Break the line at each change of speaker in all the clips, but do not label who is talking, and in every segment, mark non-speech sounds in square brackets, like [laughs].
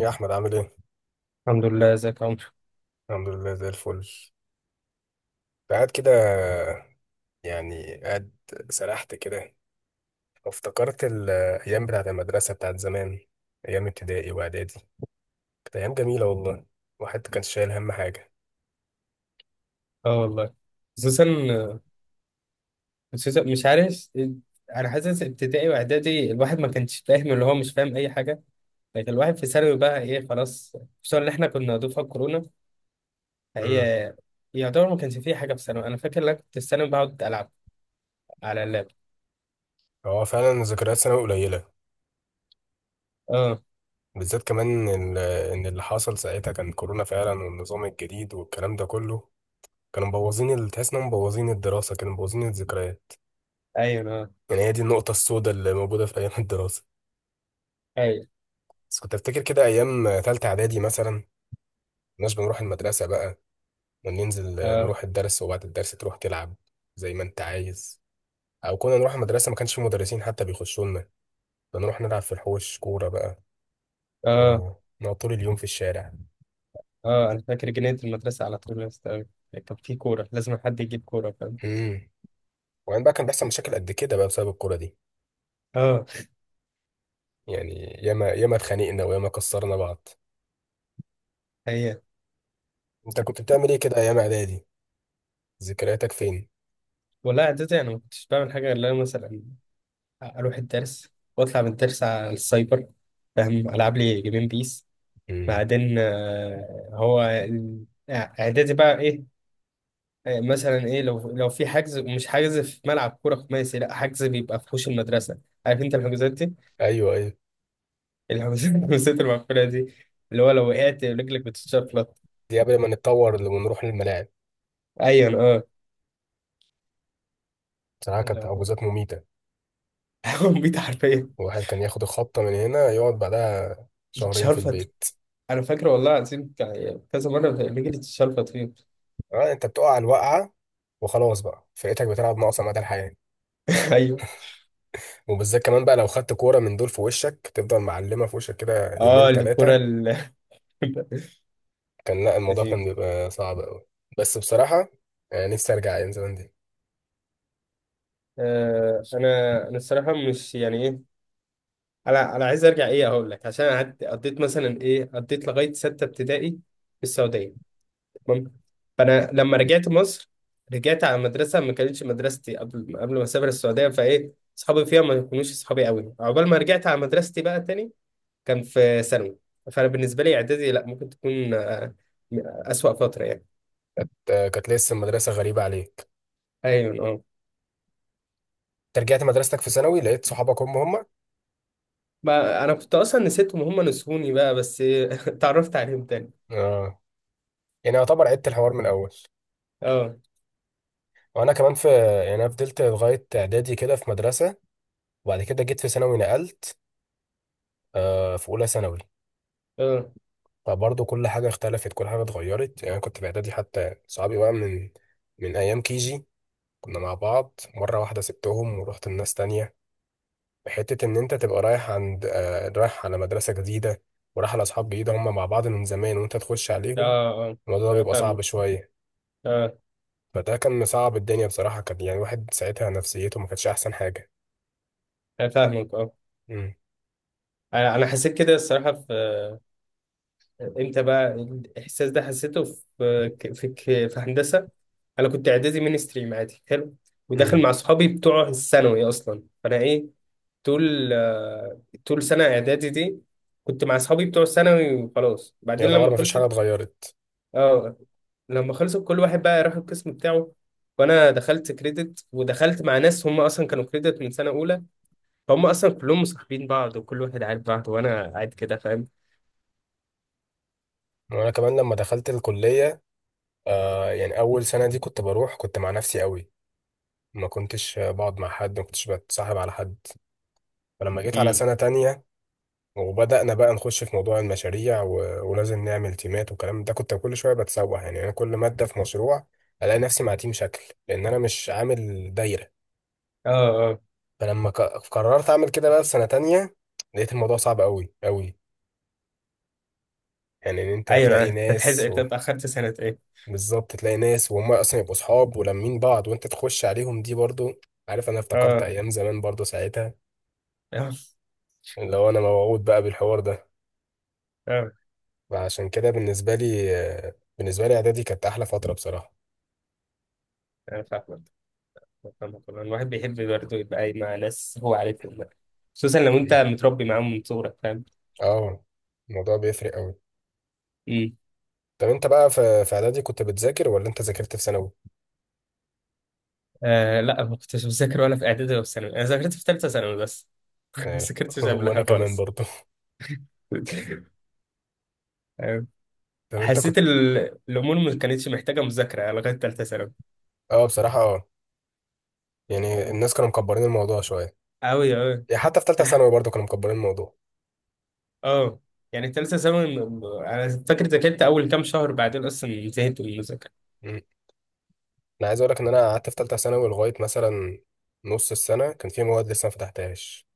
يا احمد عامل ايه؟
الحمد لله، ازيك يا عمرو؟
الحمد لله زي الفل. قاعد كده، يعني قاعد. سرحت كده وافتكرت الايام بتاعت المدرسه بتاعت زمان، ايام ابتدائي واعدادي. كانت ايام جميله والله. الواحد كان شايل هم حاجه.
اه والله. خصوصا، مش عارف. انا حاسس ابتدائي واعدادي الواحد ما كانش فاهم اللي هو مش فاهم اي حاجه. لكن الواحد في ثانوي بقى ايه خلاص. خصوصا ان احنا كنا دفعه كورونا، فهي
امم.
يعتبر ما كانش فيه حاجه في ثانوي. انا فاكر لك كنت في ثانوي بقعد العب على اللاب.
هو فعلا ذكريات ثانوي قليله،
اه.
بالذات كمان إن اللي حصل ساعتها كان كورونا فعلا، والنظام الجديد والكلام ده كله. كانوا مبوظين تحس انهم مبوظين الدراسه، كانوا مبوظين الذكريات.
ايوه، اه.
يعني هي دي النقطه السوداء اللي موجوده في ايام [laughs] الدراسه.
ايوه،
بس كنت افتكر كده ايام تالتة اعدادي مثلا، مش بنروح المدرسة بقى وننزل
اه.
نروح الدرس، وبعد الدرس تروح تلعب زي ما انت عايز. او كنا نروح المدرسة ما كانش في مدرسين حتى بيخشوا لنا، بنروح نلعب في الحوش كورة بقى،
اه.
ونقعد طول اليوم في الشارع.
اه. انا فاكر جنينه المدرسه على طول يا اسطى. كان في كوره لازم حد يجيب كوره، فاهم؟
امم. وبعدين بقى كان بيحصل مشاكل قد كده بقى بسبب الكورة دي،
اه.
يعني ياما ياما اتخانقنا وياما كسرنا بعض.
هي.
انت كنت بتعمل ايه كده ايام اعدادي؟ ذكرياتك فين؟
والله اعدادي انا ما كنتش بعمل حاجه غير إن أنا مثلا اروح الدرس واطلع من الدرس على السايبر، فاهم، العب لي جيمين بيس.
امم.
بعدين اعدادي بقى ايه، مثلا ايه، لو في حجز، مش حجز في ملعب كوره خماسي، لا حجز بيبقى في حوش المدرسه. عارف انت الحجوزات دي؟
ايوه، ايوه.
الحجوزات [laughs] الحجوزات المقفوله دي، اللي هو لو وقعت رجلك بتتشفلط.
دي قبل ما نتطور ونروح للملاعب.
ايوه، اه.
بصراحة كانت عجوزات
[laughs]
مميتة.
هقوم بيت حرفيا.
الواحد كان ياخد الخبطة من هنا، يقعد بعدها شهرين في
يتشرفط.
البيت.
انا فاكر والله العظيم كذا مره رجلي اتشرفط فيه. [laughs]
آه، انت بتقع على الوقعة وخلاص بقى فرقتك بتلعب ناقصة مدى الحياة.
ايوه،
وبالذات كمان بقى لو خدت كورة من دول في وشك تفضل معلمة في وشك كده
اه.
يومين
الكوره
تلاتة.
ال...
كان لا، الموضوع كان
[laughs]
بيبقى صعب أوي. بس بصراحة، نفسي أرجع أيام زمان دي.
انا الصراحه مش يعني ايه. انا عايز ارجع ايه، اقول لك، عشان قعدت قضيت مثلا ايه، قضيت لغايه سته ابتدائي في السعوديه، تمام؟ فانا لما رجعت مصر، رجعت على مدرسه ما كانتش مدرستي، قبل ما اسافر السعوديه، فايه اصحابي فيها ما يكونوش اصحابي قوي، عقبال ما رجعت على مدرستي بقى تاني كان في ثانوي. فانا بالنسبه لي اعدادي لا، ممكن تكون اسوأ فتره يعني.
كانت لسه المدرسة غريبة عليك.
ايوه، اه.
أنت رجعت مدرستك في ثانوي لقيت صحابك هم هم.
ما انا كنت اصلا نسيتهم، هم نسوني بقى بس. [laughs] اتعرفت عليهم تاني.
اه. يعني يعتبر عدت الحوار من الأول.
اه.
وأنا كمان في، يعني أنا فضلت لغاية إعدادي كده في مدرسة، وبعد كده جيت في ثانوي نقلت، في اولى ثانوي.
اه.
فبرضه كل حاجه اختلفت، كل حاجه اتغيرت. يعني أنا كنت في اعدادي حتى صحابي بقى من ايام كيجي، كنا مع بعض. مره واحده سبتهم ورحت لناس تانية. حته ان انت تبقى رايح عند رايح على مدرسه جديده، ورايح على اصحاب جديده هم مع بعض من زمان وانت تخش عليهم،
اه. اه.
الموضوع ده
انا
بيبقى صعب
فاهمك.
شويه.
اه.
فده كان صعب. الدنيا بصراحه كان يعني الواحد ساعتها نفسيته ما كانتش احسن حاجه.
انا فاهمك. اه.
امم.
انا حسيت كده الصراحه في، امتى بقى الاحساس ده حسيته، في هندسه انا كنت اعدادي مين ستريم عادي حلو، وداخل
امم.
مع صحابي بتوع الثانوي اصلا، فانا ايه طول، طول سنه اعدادي دي كنت مع صحابي بتوع الثانوي وخلاص. بعدين
يعتبر
لما
ما فيش حاجه
خلصت.
اتغيرت.
اه. لما خلصت كل واحد بقى راح القسم بتاعه، وانا دخلت كريدت ودخلت مع ناس هم اصلا كانوا كريدت من سنه اولى، هم اصلا كلهم مصاحبين بعض وكل واحد عارف بعض، وانا قاعد كده، فاهم؟
وانا كمان لما دخلت الكليه، آه يعني اول سنه دي كنت بروح كنت مع نفسي قوي. ما كنتش بقعد مع حد، ما كنتش بتصاحب على حد. فلما جيت على
امم.
سنه تانية وبدأنا بقى نخش في موضوع المشاريع ولازم نعمل تيمات والكلام ده، كنت كل شويه بتسوح يعني. انا كل ماده في مشروع الاقي نفسي مع تيم شكل، لان انا مش عامل دايره.
اه. اه.
فلما قررت اعمل كده بقى في سنه تانية، لقيت الموضوع صعب قوي قوي. يعني ان انت
ايوه،
تلاقي
انت تحز
ناس،
انت اتاخرت سنه ايه.
بالظبط، تلاقي ناس وهم اصلا يبقوا صحاب ولمين بعض وانت تخش عليهم، دي برضو عارف، انا افتكرت
اه.
ايام زمان برضو ساعتها
اه.
لو انا موعود بقى بالحوار ده.
اه.
فعشان كده بالنسبه لي، بالنسبه لي اعدادي كانت احلى فتره بصراحه.
انا فاهمك. فاهمك والله. الواحد بيحب برضه يبقى قاعد مع ناس هو عارفهم بقى. خصوصا لو انت
مم.
متربي معاهم من صغرك، فاهم؟
اه. الموضوع بيفرق قوي.
امم.
طب انت بقى في اعدادي كنت بتذاكر ولا انت ذاكرت في ثانوي؟
آه لا، ما كنتش بذاكر ولا في اعدادي ولا في ثانوي. انا ذاكرت في ثالثه ثانوي بس. [laughs] ما
آه. [laughs]
ذاكرتش
وانا
قبلها
كمان
خالص.
برضو.
[laughs] أيوة.
طب انت كنت.
حسيت الامور ما كانتش محتاجه مذاكره لغايه ثالثه ثانوي،
اه بصراحه اه.
يعني
يعني
فاهم؟
الناس كانوا مكبرين الموضوع شويه.
قوي قوي.
يعني حتى في ثالثه
انا.
ثانوي برضو كانوا مكبرين الموضوع.
اه. يعني التالتة ثانوي انا فاكر ذاكرت اول كام شهر، بعدين اصلا زهقت من المذاكرة.
إمم. انا عايز اقول لك ان انا قعدت في ثالثه ثانوي لغايه مثلا نص السنه كان في مواد لسه ما فتحتهاش.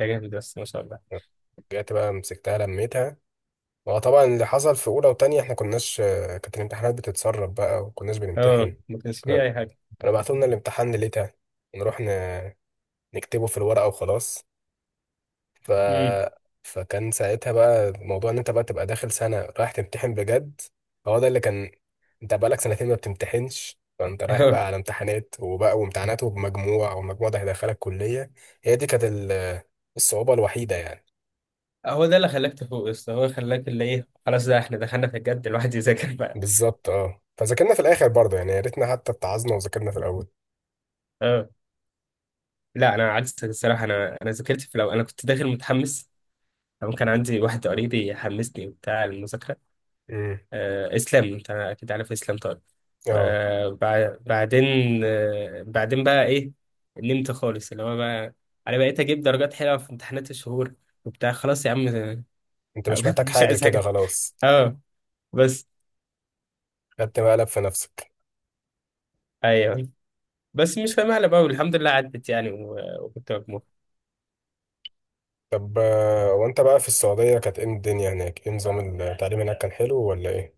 يا جامد بس، ما شاء الله.
رجعت بقى مسكتها لميتها. هو طبعا اللي حصل في اولى وتانية احنا كناش، كانت الامتحانات بتتسرب بقى وكناش
اه
بنمتحن.
ما كانش فيه
كنا،
اي حاجة.
كانوا بعتوا لنا الامتحان ليلتها، نروح نكتبه في الورقه وخلاص. ف
امم.
فكان ساعتها بقى موضوع ان انت بقى تبقى داخل سنه رايح تمتحن بجد. هو ده اللي كان، انت بقالك سنتين ما بتمتحنش، فانت رايح
اه.
بقى على امتحانات وبقى وامتحانات وبمجموع، والمجموع ده هيدخلك كلية. هي دي كانت الصعوبة الوحيدة يعني.
هو ده اللي خلاك تفوق يا اسطى، هو خلاك اللي ايه خلاص ده احنا دخلنا في الجد الواحد يذاكر بقى.
بالظبط اه، فذاكرنا في الاخر برضه يعني. يا ريتنا حتى اتعظنا وذاكرنا في الاول.
اه. لا انا عكسك الصراحة، انا ذاكرت في الاول، انا كنت داخل متحمس، أو كان عندي واحد قريبي حمسني وبتاع المذاكرة.
امم.
اسلام انت اكيد عارف اسلام، طيب.
اه.
بعدين، بعدين بقى ايه، نمت خالص. اللي هو بقى انا بقيت اجيب درجات حلوه في امتحانات الشهور وبتاع، خلاص يا عم.
انت مش
[laughs]
محتاج
مش
حاجة
عايز
كده
حاجه.
خلاص.
اه. بس.
خدت مقلب في نفسك.
ايوه. بس مش فاهم على بقى، والحمد لله عدت يعني، وكنت مجموع.
طب وانت بقى في السعودية كانت ايه الدنيا هناك؟ ايه نظام التعليم هناك كان حلو ولا ايه؟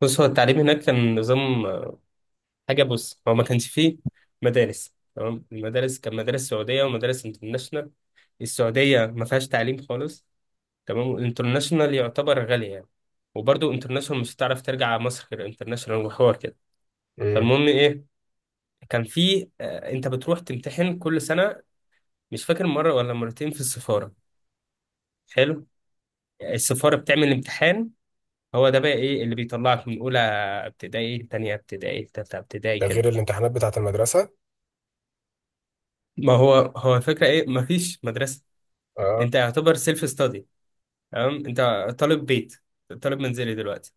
بص هو التعليم هناك كان نظام، حاجه، بص هو ما كانش فيه مدارس، تمام؟ المدارس كان مدارس سعوديه ومدارس انترناشونال. السعوديه ما فيهاش تعليم خالص، تمام، والانترناشونال يعتبر غالي يعني. وبرضه انترناشونال مش هتعرف ترجع على مصر غير انترناشونال وحوار كده.
امم.
فالمهم ايه، كان في، انت بتروح تمتحن كل سنه، مش فاكر مره ولا مرتين، في السفاره. حلو. السفاره بتعمل امتحان، هو ده بقى ايه اللي بيطلعك من اولى ابتدائي لتانية ابتدائي لتالتة ابتدائي
ده
كده.
غير الامتحانات بتاعة المدرسة.
ما هو هو الفكره ايه، مفيش مدرسه،
اه.
انت يعتبر سيلف ستادي، تمام؟ انت طالب بيت، طالب منزلي دلوقتي.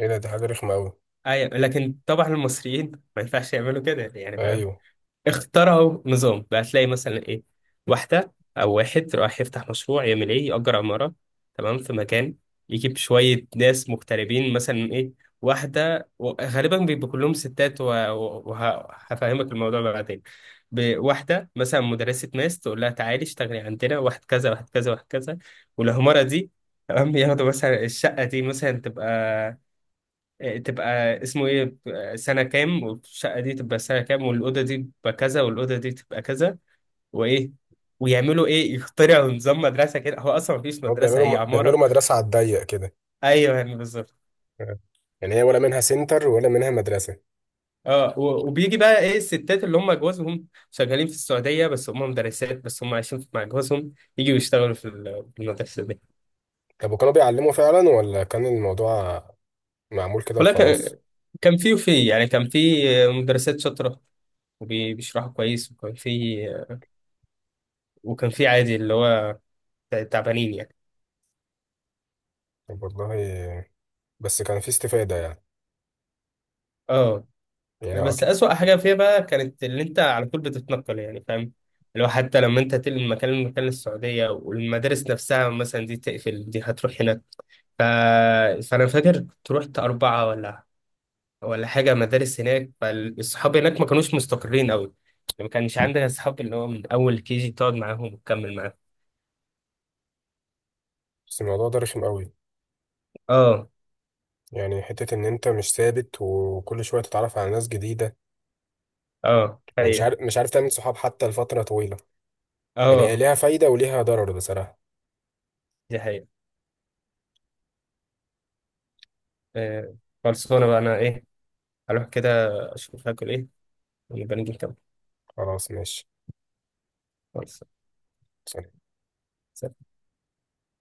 ايه ده، دي حاجة رخمة قوي.
ايوه لكن طبعا المصريين ما ينفعش يعملوا كده يعني،
ايوه.
اخترعوا نظام بقى. تلاقي مثلا ايه واحدة او واحد رايح يفتح مشروع يعمل ايه، يأجر عمارة، تمام، في مكان، يجيب شوية ناس مغتربين مثلا ايه، غالبا بيبقوا كلهم ستات وهفهمك الموضوع بقى بعدين. واحدة مثلا مدرسة ماس، تقول لها تعالي اشتغلي عندنا، واحد كذا واحد كذا واحد كذا، والعمارة دي، تمام، ياخدوا مثلا الشقة دي مثلا تبقى، تبقى اسمه ايه، سنة كام، والشقة دي تبقى سنة كام، والأوضة دي تبقى كذا، والأوضة دي تبقى كذا، وإيه ويعملوا إيه، يخترعوا نظام مدرسة كده، هو أصلا مفيش
هو
مدرسة هي
بيعملوا
عمارة.
مدرسة على الضيق كده.
أيوه يعني بالظبط.
آه. يعني هي ولا منها سنتر ولا منها مدرسة.
اه وبيجي بقى ايه الستات اللي هم جوازهم شغالين في السعودية، بس هم مدرسات، بس هم عايشين مع جوازهم، يجوا يشتغولوا في في المدرسة دي.
طب وكانوا بيعلموا فعلا ولا كان الموضوع معمول كده
والله
وخلاص؟
كان، كان في وفي يعني، كان في مدرسات شاطرة وبيشرحوا كويس، وكان في، وكان في عادي اللي هو تعبانين يعني.
طب والله، بس كان في استفادة يعني.
اه.
يعني
بس
أكيد.
أسوأ حاجة فيها بقى كانت اللي أنت على طول بتتنقل، يعني فاهم، اللي هو حتى لما أنت تنقل من مكان لمكان للسعودية، والمدارس نفسها مثلا دي تقفل، دي هتروح هناك، ف... فأنا فاكر كنت رحت أربعة ولا، ولا حاجة مدارس هناك، فالصحاب هناك ما كانوش مستقرين أوي يعني، ما كانش عندنا أصحاب اللي هو من أول كي جي تقعد معاهم وتكمل معاهم.
بس الموضوع ده رخم قوي،
أه.
يعني حتة إن أنت مش ثابت وكل شوية تتعرف على ناس جديدة،
أه
ومش
حقيقة.
عارف، مش عارف تعمل صحاب حتى لفترة طويلة. يعني هي
أه.
ليها فايدة وليها ضرر بصراحة.
دي حقيقة. آه، خلصانة بقى أنا إيه، أروح كده أشوف هاكل إيه، ونبقى نيجي نكمل.
خلاص ماشي.
خلص.